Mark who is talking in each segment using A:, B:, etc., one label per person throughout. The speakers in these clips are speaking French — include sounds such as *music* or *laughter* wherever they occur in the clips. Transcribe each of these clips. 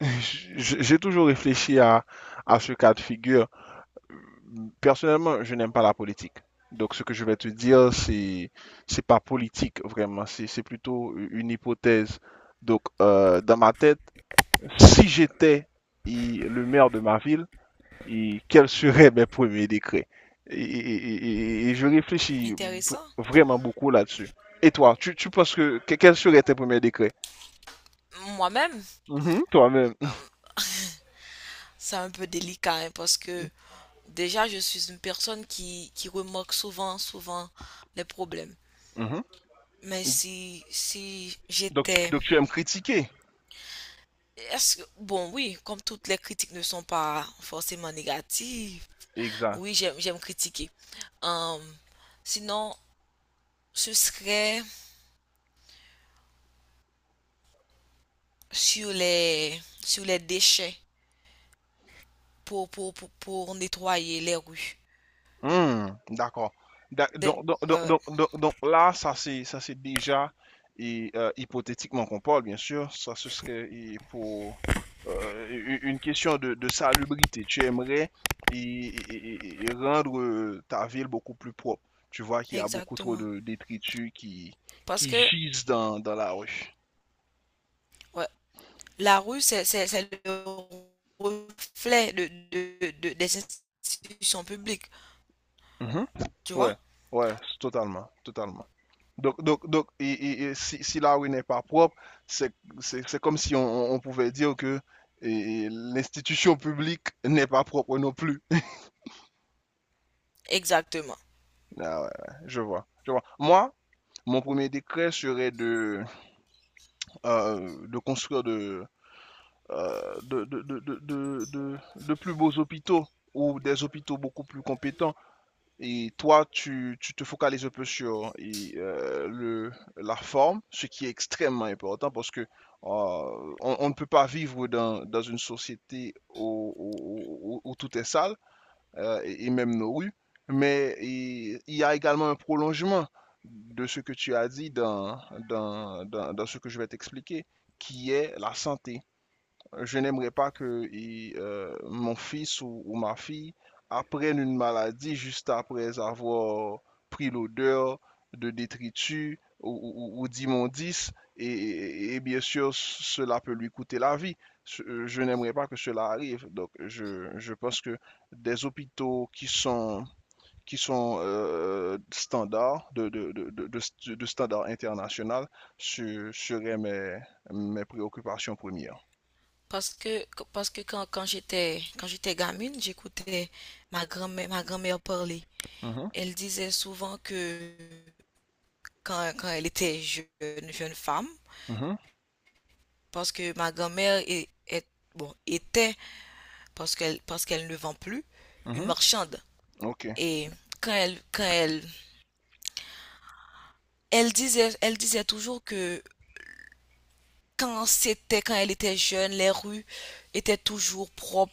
A: J'ai toujours réfléchi à ce cas de figure. Personnellement, je n'aime pas la politique. Donc, ce que je vais te dire, c'est pas politique, vraiment. C'est plutôt une hypothèse. Donc, dans ma tête, si j'étais le maire de ma ville, et quels seraient mes premiers décrets? Et je réfléchis
B: Intéressant.
A: vraiment beaucoup là-dessus. Et toi, tu penses quels seraient tes premiers décrets?
B: Moi-même,
A: Mhm, toi-même.
B: euh, c'est un peu délicat hein, parce que déjà, je suis une personne qui remarque souvent les problèmes.
A: Mhm.
B: Mais si
A: Donc,
B: j'étais...
A: tu aimes critiquer.
B: Est-ce que... Bon, oui, comme toutes les critiques ne sont pas forcément négatives,
A: Exact.
B: oui, j'aime critiquer. Euh, Sinon, ce serait sur les déchets pour nettoyer les rues.
A: Hmm, d'accord.
B: Des-
A: Donc, donc,
B: ouais,
A: donc,
B: ouais,
A: donc, donc- donc là, ça c'est déjà et hypothétiquement qu'on parle, bien sûr. Ça ce serait et pour une question de salubrité. Tu aimerais et rendre ta ville beaucoup plus propre. Tu vois qu'il y a beaucoup trop
B: exactement.
A: de détritus qui,
B: Parce
A: qui
B: que,
A: gisent dans la rue.
B: ouais, la rue, le reflet des institutions publiques,
A: Mhm.
B: tu vois?
A: Ouais, ouais, totalement, totalement. Donc et si la rue n'est pas propre, c'est c'est comme si pouvait dire que et l'institution publique n'est pas propre non plus. *laughs*
B: Exactement.
A: Ah ouais, ouais, je vois, je vois. Moi, mon premier décret serait de construire de plus beaux hôpitaux ou des hôpitaux beaucoup plus compétents. Et toi, tu te focalises un peu sur la forme, ce qui est extrêmement important parce que on ne peut pas vivre dans une société où tout est sale, et même nos rues. Mais il y a également un prolongement de ce que tu as dit dans ce que je vais t'expliquer, qui est la santé. Je n'aimerais pas que mon fils ou ma fille apprenne une maladie juste après avoir pris l'odeur de détritus d'immondices et bien sûr cela peut lui coûter la vie. Je n'aimerais pas que cela arrive. Donc je pense que des hôpitaux qui sont standards standards international seraient mes préoccupations premières.
B: Parce que, quand j'étais gamine, j'écoutais ma grand-mère parler.
A: Mhm,
B: Elle disait souvent que quand elle était jeune, jeune femme,
A: mhm.
B: parce que ma bon, était, parce qu'elle ne vend plus, une
A: Mhm.
B: marchande.
A: Ok.
B: Et quand elle, quand elle, elle disait toujours que quand elle était jeune, les rues étaient toujours propres,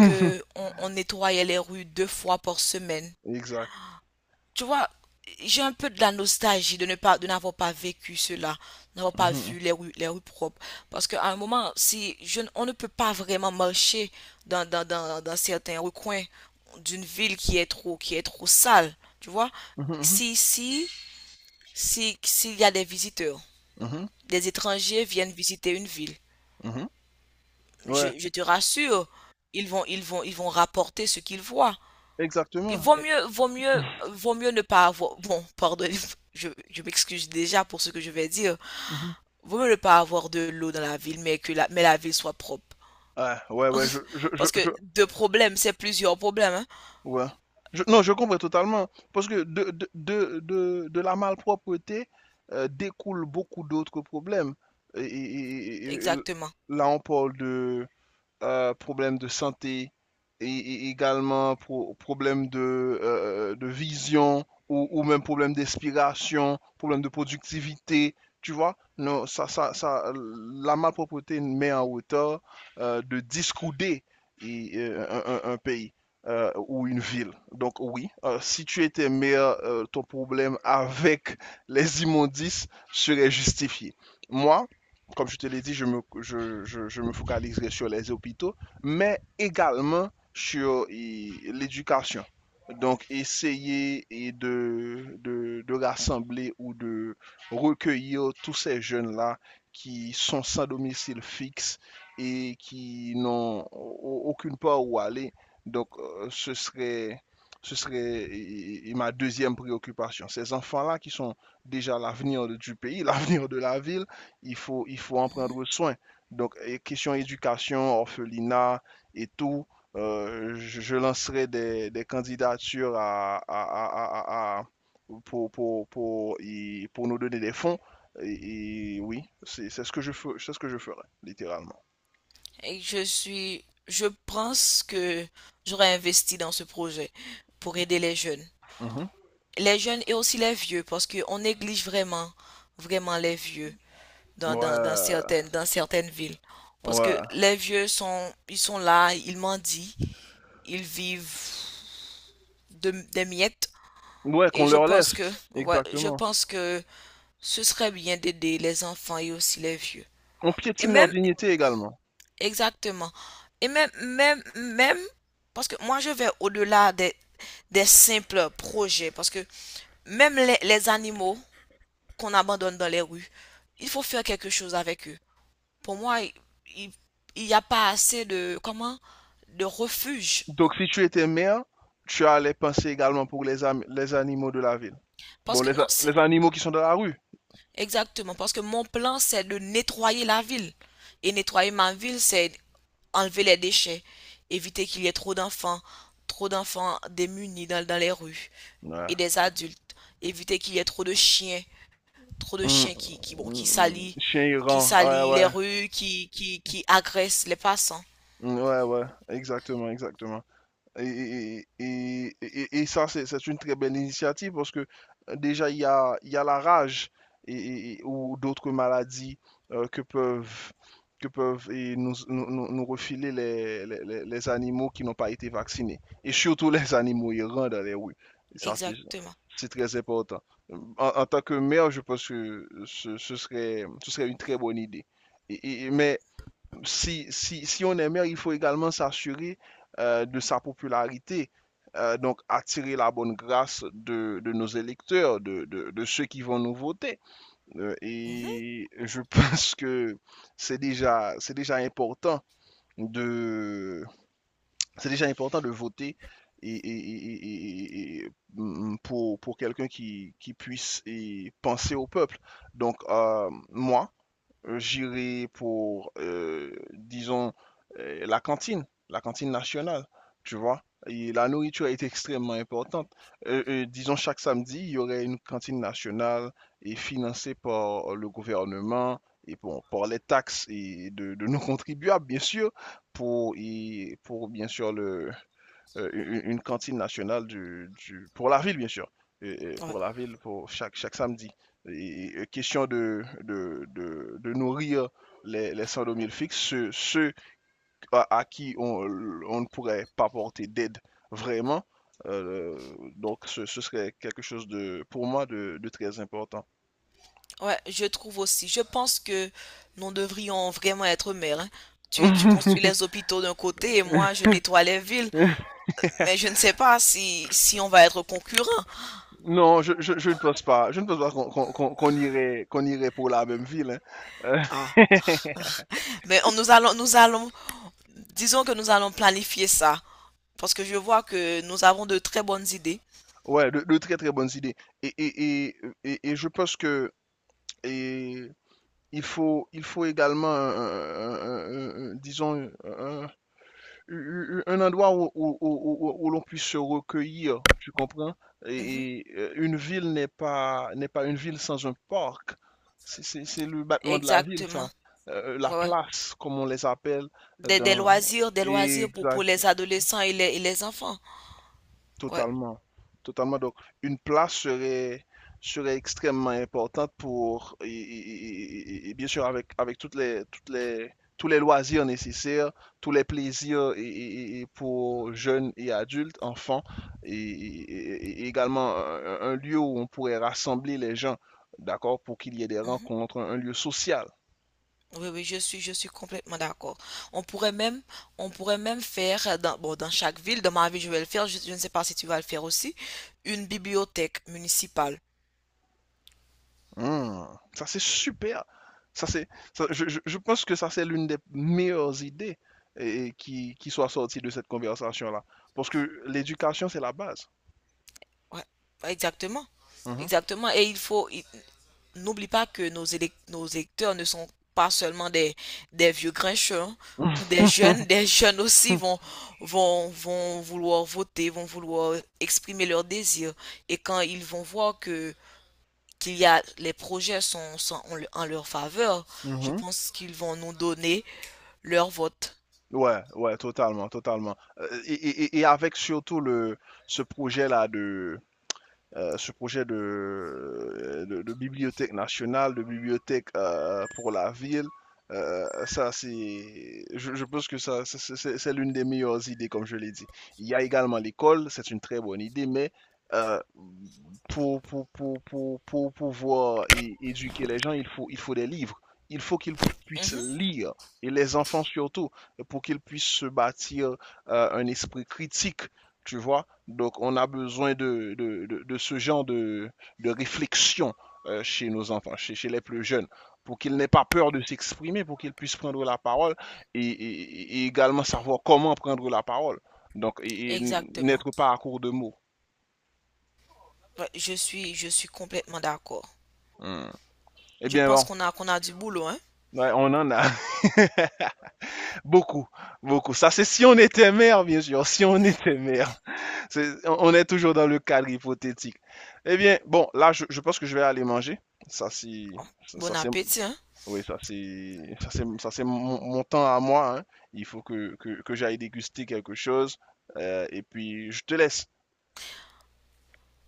B: que on nettoyait les rues deux fois par semaine.
A: Exact.
B: Tu vois, j'ai un peu de la nostalgie de ne pas, de n'avoir pas vécu cela, n'avoir pas
A: Mhm.
B: vu les rues propres. Parce qu'à un moment, si je, ne- on ne peut pas vraiment marcher dans certains recoins d'une ville qui est trop sale, tu vois.
A: Mhm. Mhm.
B: Si, si, si, s'il y a des visiteurs,
A: Mhm.
B: des étrangers viennent visiter une ville,
A: Mhm. Ouais,
B: je te rassure, ils vont rapporter ce qu'ils voient. Il
A: exactement.
B: vaut mieux, vaut mieux, vaut mieux ne pas avoir. Bon, pardon, je m'excuse déjà pour ce que je vais dire.
A: Mhm.
B: Vaut mieux ne pas avoir de l'eau dans la ville, mais que la ville soit propre.
A: Ah, ouais, ouais,
B: Parce que deux problèmes, c'est plusieurs problèmes, hein.
A: ouais. Non, je comprends totalement. Parce que de la malpropreté découle beaucoup d'autres problèmes. Et
B: Exactement.
A: là, on parle de, problème de santé et également problème de vision ou même problèmes d'inspiration, problèmes de productivité. Tu vois, non, la malpropreté met en hauteur de discouder un pays ou une ville. Donc oui, si tu étais maire, ton problème avec les immondices serait justifié. Moi, comme je te l'ai dit, je me focaliserai sur les hôpitaux, mais également sur l'éducation. Donc, essayer et de rassembler ou de recueillir tous ces jeunes-là qui sont sans domicile fixe et qui n'ont aucune part où aller. Donc, ce serait ma deuxième préoccupation. Ces enfants-là qui sont déjà l'avenir du pays, *laughs* l'avenir de la ville. Il faut en
B: Mhm.
A: prendre soin. Donc, question éducation, orphelinat et tout, je lancerai des candidatures pour, pour, pour, pour nous donner des fonds. Et oui, c'est ce que je ferai, littéralement.
B: Et je pense que j'aurais investi dans ce projet pour aider les jeunes.
A: Mhm.
B: Les jeunes et aussi les vieux, parce que on néglige vraiment les vieux
A: Ouais,
B: dans certaines villes. Parce que
A: ouais.
B: les ils sont là, ils mendient, ils vivent des miettes.
A: Ouais,
B: Et
A: qu'on leur laisse.
B: ouais, je
A: Exactement.
B: pense que ce serait bien d'aider les enfants et aussi les vieux.
A: On
B: Et
A: piétine leur
B: même,
A: dignité également.
B: exactement. Et même, parce que moi je vais au-delà des simples projets. Parce que même les animaux qu'on abandonne dans les rues, il faut faire quelque chose avec eux. Pour moi, il- n'y a pas assez de, comment, de refuge.
A: Donc, si tu étais mère, tu allais penser également pour les animaux de la ville. Bon,
B: Parce que, non, c'est
A: les animaux qui sont dans la rue.
B: exactement, parce que mon plan, c'est de nettoyer la ville. Et nettoyer ma ville, c'est enlever les déchets, éviter qu'il y ait trop d'enfants démunis dans les rues
A: Ouais.
B: et des adultes, éviter qu'il y ait trop de chiens, trop de
A: Mm,
B: chiens qui, qui, bon, qui
A: mm, mm.
B: salissent,
A: Chien
B: qui
A: errant. Ouais,
B: salissent les
A: ouais.
B: rues, qui agressent les passants.
A: Mm, ouais, ouais. Exactement, exactement. Ça, c'est une très belle initiative parce que déjà, il y a la rage ou d'autres maladies euh, que peuvent, que peuvent nous refiler les animaux qui n'ont pas été vaccinés. Et surtout les animaux errants dans les rues. Et ça, c'est
B: Exactement.
A: c'est très important. En tant que maire, je pense que ce serait une très bonne idée. Mais si on est maire, il faut également s'assurer de sa popularité. Donc attirer la bonne grâce de nos électeurs, ceux qui vont nous voter. Euh,
B: Mhm.
A: et je *laughs* pense que c'est déjà, c'est déjà important de, c'est déjà important de voter et pour quelqu'un qui puisse et penser au peuple. Donc moi, j'irai pour, disons, la cantine nationale, tu vois. Et la nourriture est extrêmement importante. Disons, chaque samedi, il y aurait une cantine nationale et financée par le gouvernement et bon, par les taxes et de nos contribuables, bien sûr, pour, et pour bien sûr, une cantine nationale pour la ville, bien sûr, et
B: Ouais.
A: pour la ville, pour chaque samedi. Et question de nourrir les 102 000 fixes, ceux à qui on ne pourrait pas porter d'aide vraiment. Donc, ce serait quelque chose pour moi, de très important.
B: Ouais, je trouve aussi. Je pense que nous devrions vraiment être maires, hein. Tu construis
A: *laughs*
B: les hôpitaux d'un côté et moi je nettoie les villes. Mais je ne sais pas si, si on va être concurrents.
A: Non, je ne pense pas. Je ne pense pas qu'on irait pour la même ville. Hein. Euh,
B: Ah,
A: *laughs*
B: mais nous allons, disons que nous allons planifier ça. Parce que je vois que nous avons de très bonnes idées.
A: Ouais, de très très bonnes idées. Et, et, et, et je pense que et il faut également, disons, un endroit où l'on puisse se recueillir, tu comprends?
B: Mhm,
A: Une ville n'est pas une ville sans un parc. C'est le battement de la ville, ça.
B: exactement.
A: La
B: Ouais, ouais.
A: place, comme on les appelle. euh, dans...
B: Des loisirs pour
A: Exact.
B: les adolescents et et les enfants. Ouais.
A: Totalement, totalement. Donc, une place serait extrêmement importante pour, et bien sûr, avec tous les loisirs nécessaires, tous les plaisirs et pour jeunes et adultes, enfants, et également un lieu où on pourrait rassembler les gens, d'accord, pour qu'il y ait des
B: Mhm.
A: rencontres, un lieu social.
B: Oui, oui, je suis complètement d'accord. On pourrait même, on pourrait même faire dans, bon, dans chaque ville, dans ma ville, je vais le faire, je ne sais pas si tu vas le faire aussi, une bibliothèque municipale.
A: Mmh. Ça, c'est super. Ça, c'est, ça- je pense que ça, c'est l'une des meilleures idées et qui soit sortie de cette conversation-là. Parce que l'éducation, c'est la base.
B: Ouais, ouais, exactement.
A: Mhm.
B: Exactement. Et n'oublie pas que nos électeurs ne sont pas seulement des vieux grincheux, hein.
A: *laughs*
B: Des jeunes aussi vont vouloir voter, vont vouloir exprimer leurs désirs. Et quand ils vont voir que qu'il y a les projets sont en, en leur faveur, je
A: Mhm.
B: pense qu'ils vont nous donner leur vote.
A: Ouais, ouais, totalement, totalement. Et avec surtout ce projet-là, ce projet de bibliothèque nationale, de bibliothèque pour la ville. Je pense que ça, l'une des meilleures idées, comme je l'ai dit. Il y a également l'école, c'est une très bonne idée, mais euh, pour pouvoir éduquer les gens, il faut des livres. Il faut qu'ils puissent
B: Mhm,
A: lire, et les enfants surtout, pour qu'ils puissent se bâtir un esprit critique, tu vois. Donc, on a besoin de ce genre de réflexion chez nos enfants, chez les plus jeunes, pour qu'ils n'aient pas peur de s'exprimer, pour qu'ils puissent prendre la parole et également savoir comment prendre la parole. Donc,
B: exactement.
A: n'être pas à court de mots.
B: Ouais, je suis complètement d'accord.
A: Hmm. Eh
B: Je
A: bien,
B: pense
A: bon,
B: qu'on a du boulot, hein.
A: ouais, on en a *laughs* beaucoup, beaucoup. Ça, c'est si on était mère, bien sûr, si on était mère. On est toujours dans le cadre hypothétique. Eh bien, bon, là, je pense que je vais aller manger. Ça, c'est ça,
B: Bon
A: c'est
B: appétit, hein.
A: Oui, ça c'est mon temps à moi, hein. Il faut que j'aille déguster quelque chose. Et puis je te laisse.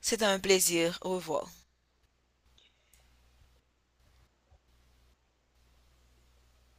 B: C'était un plaisir. Au revoir.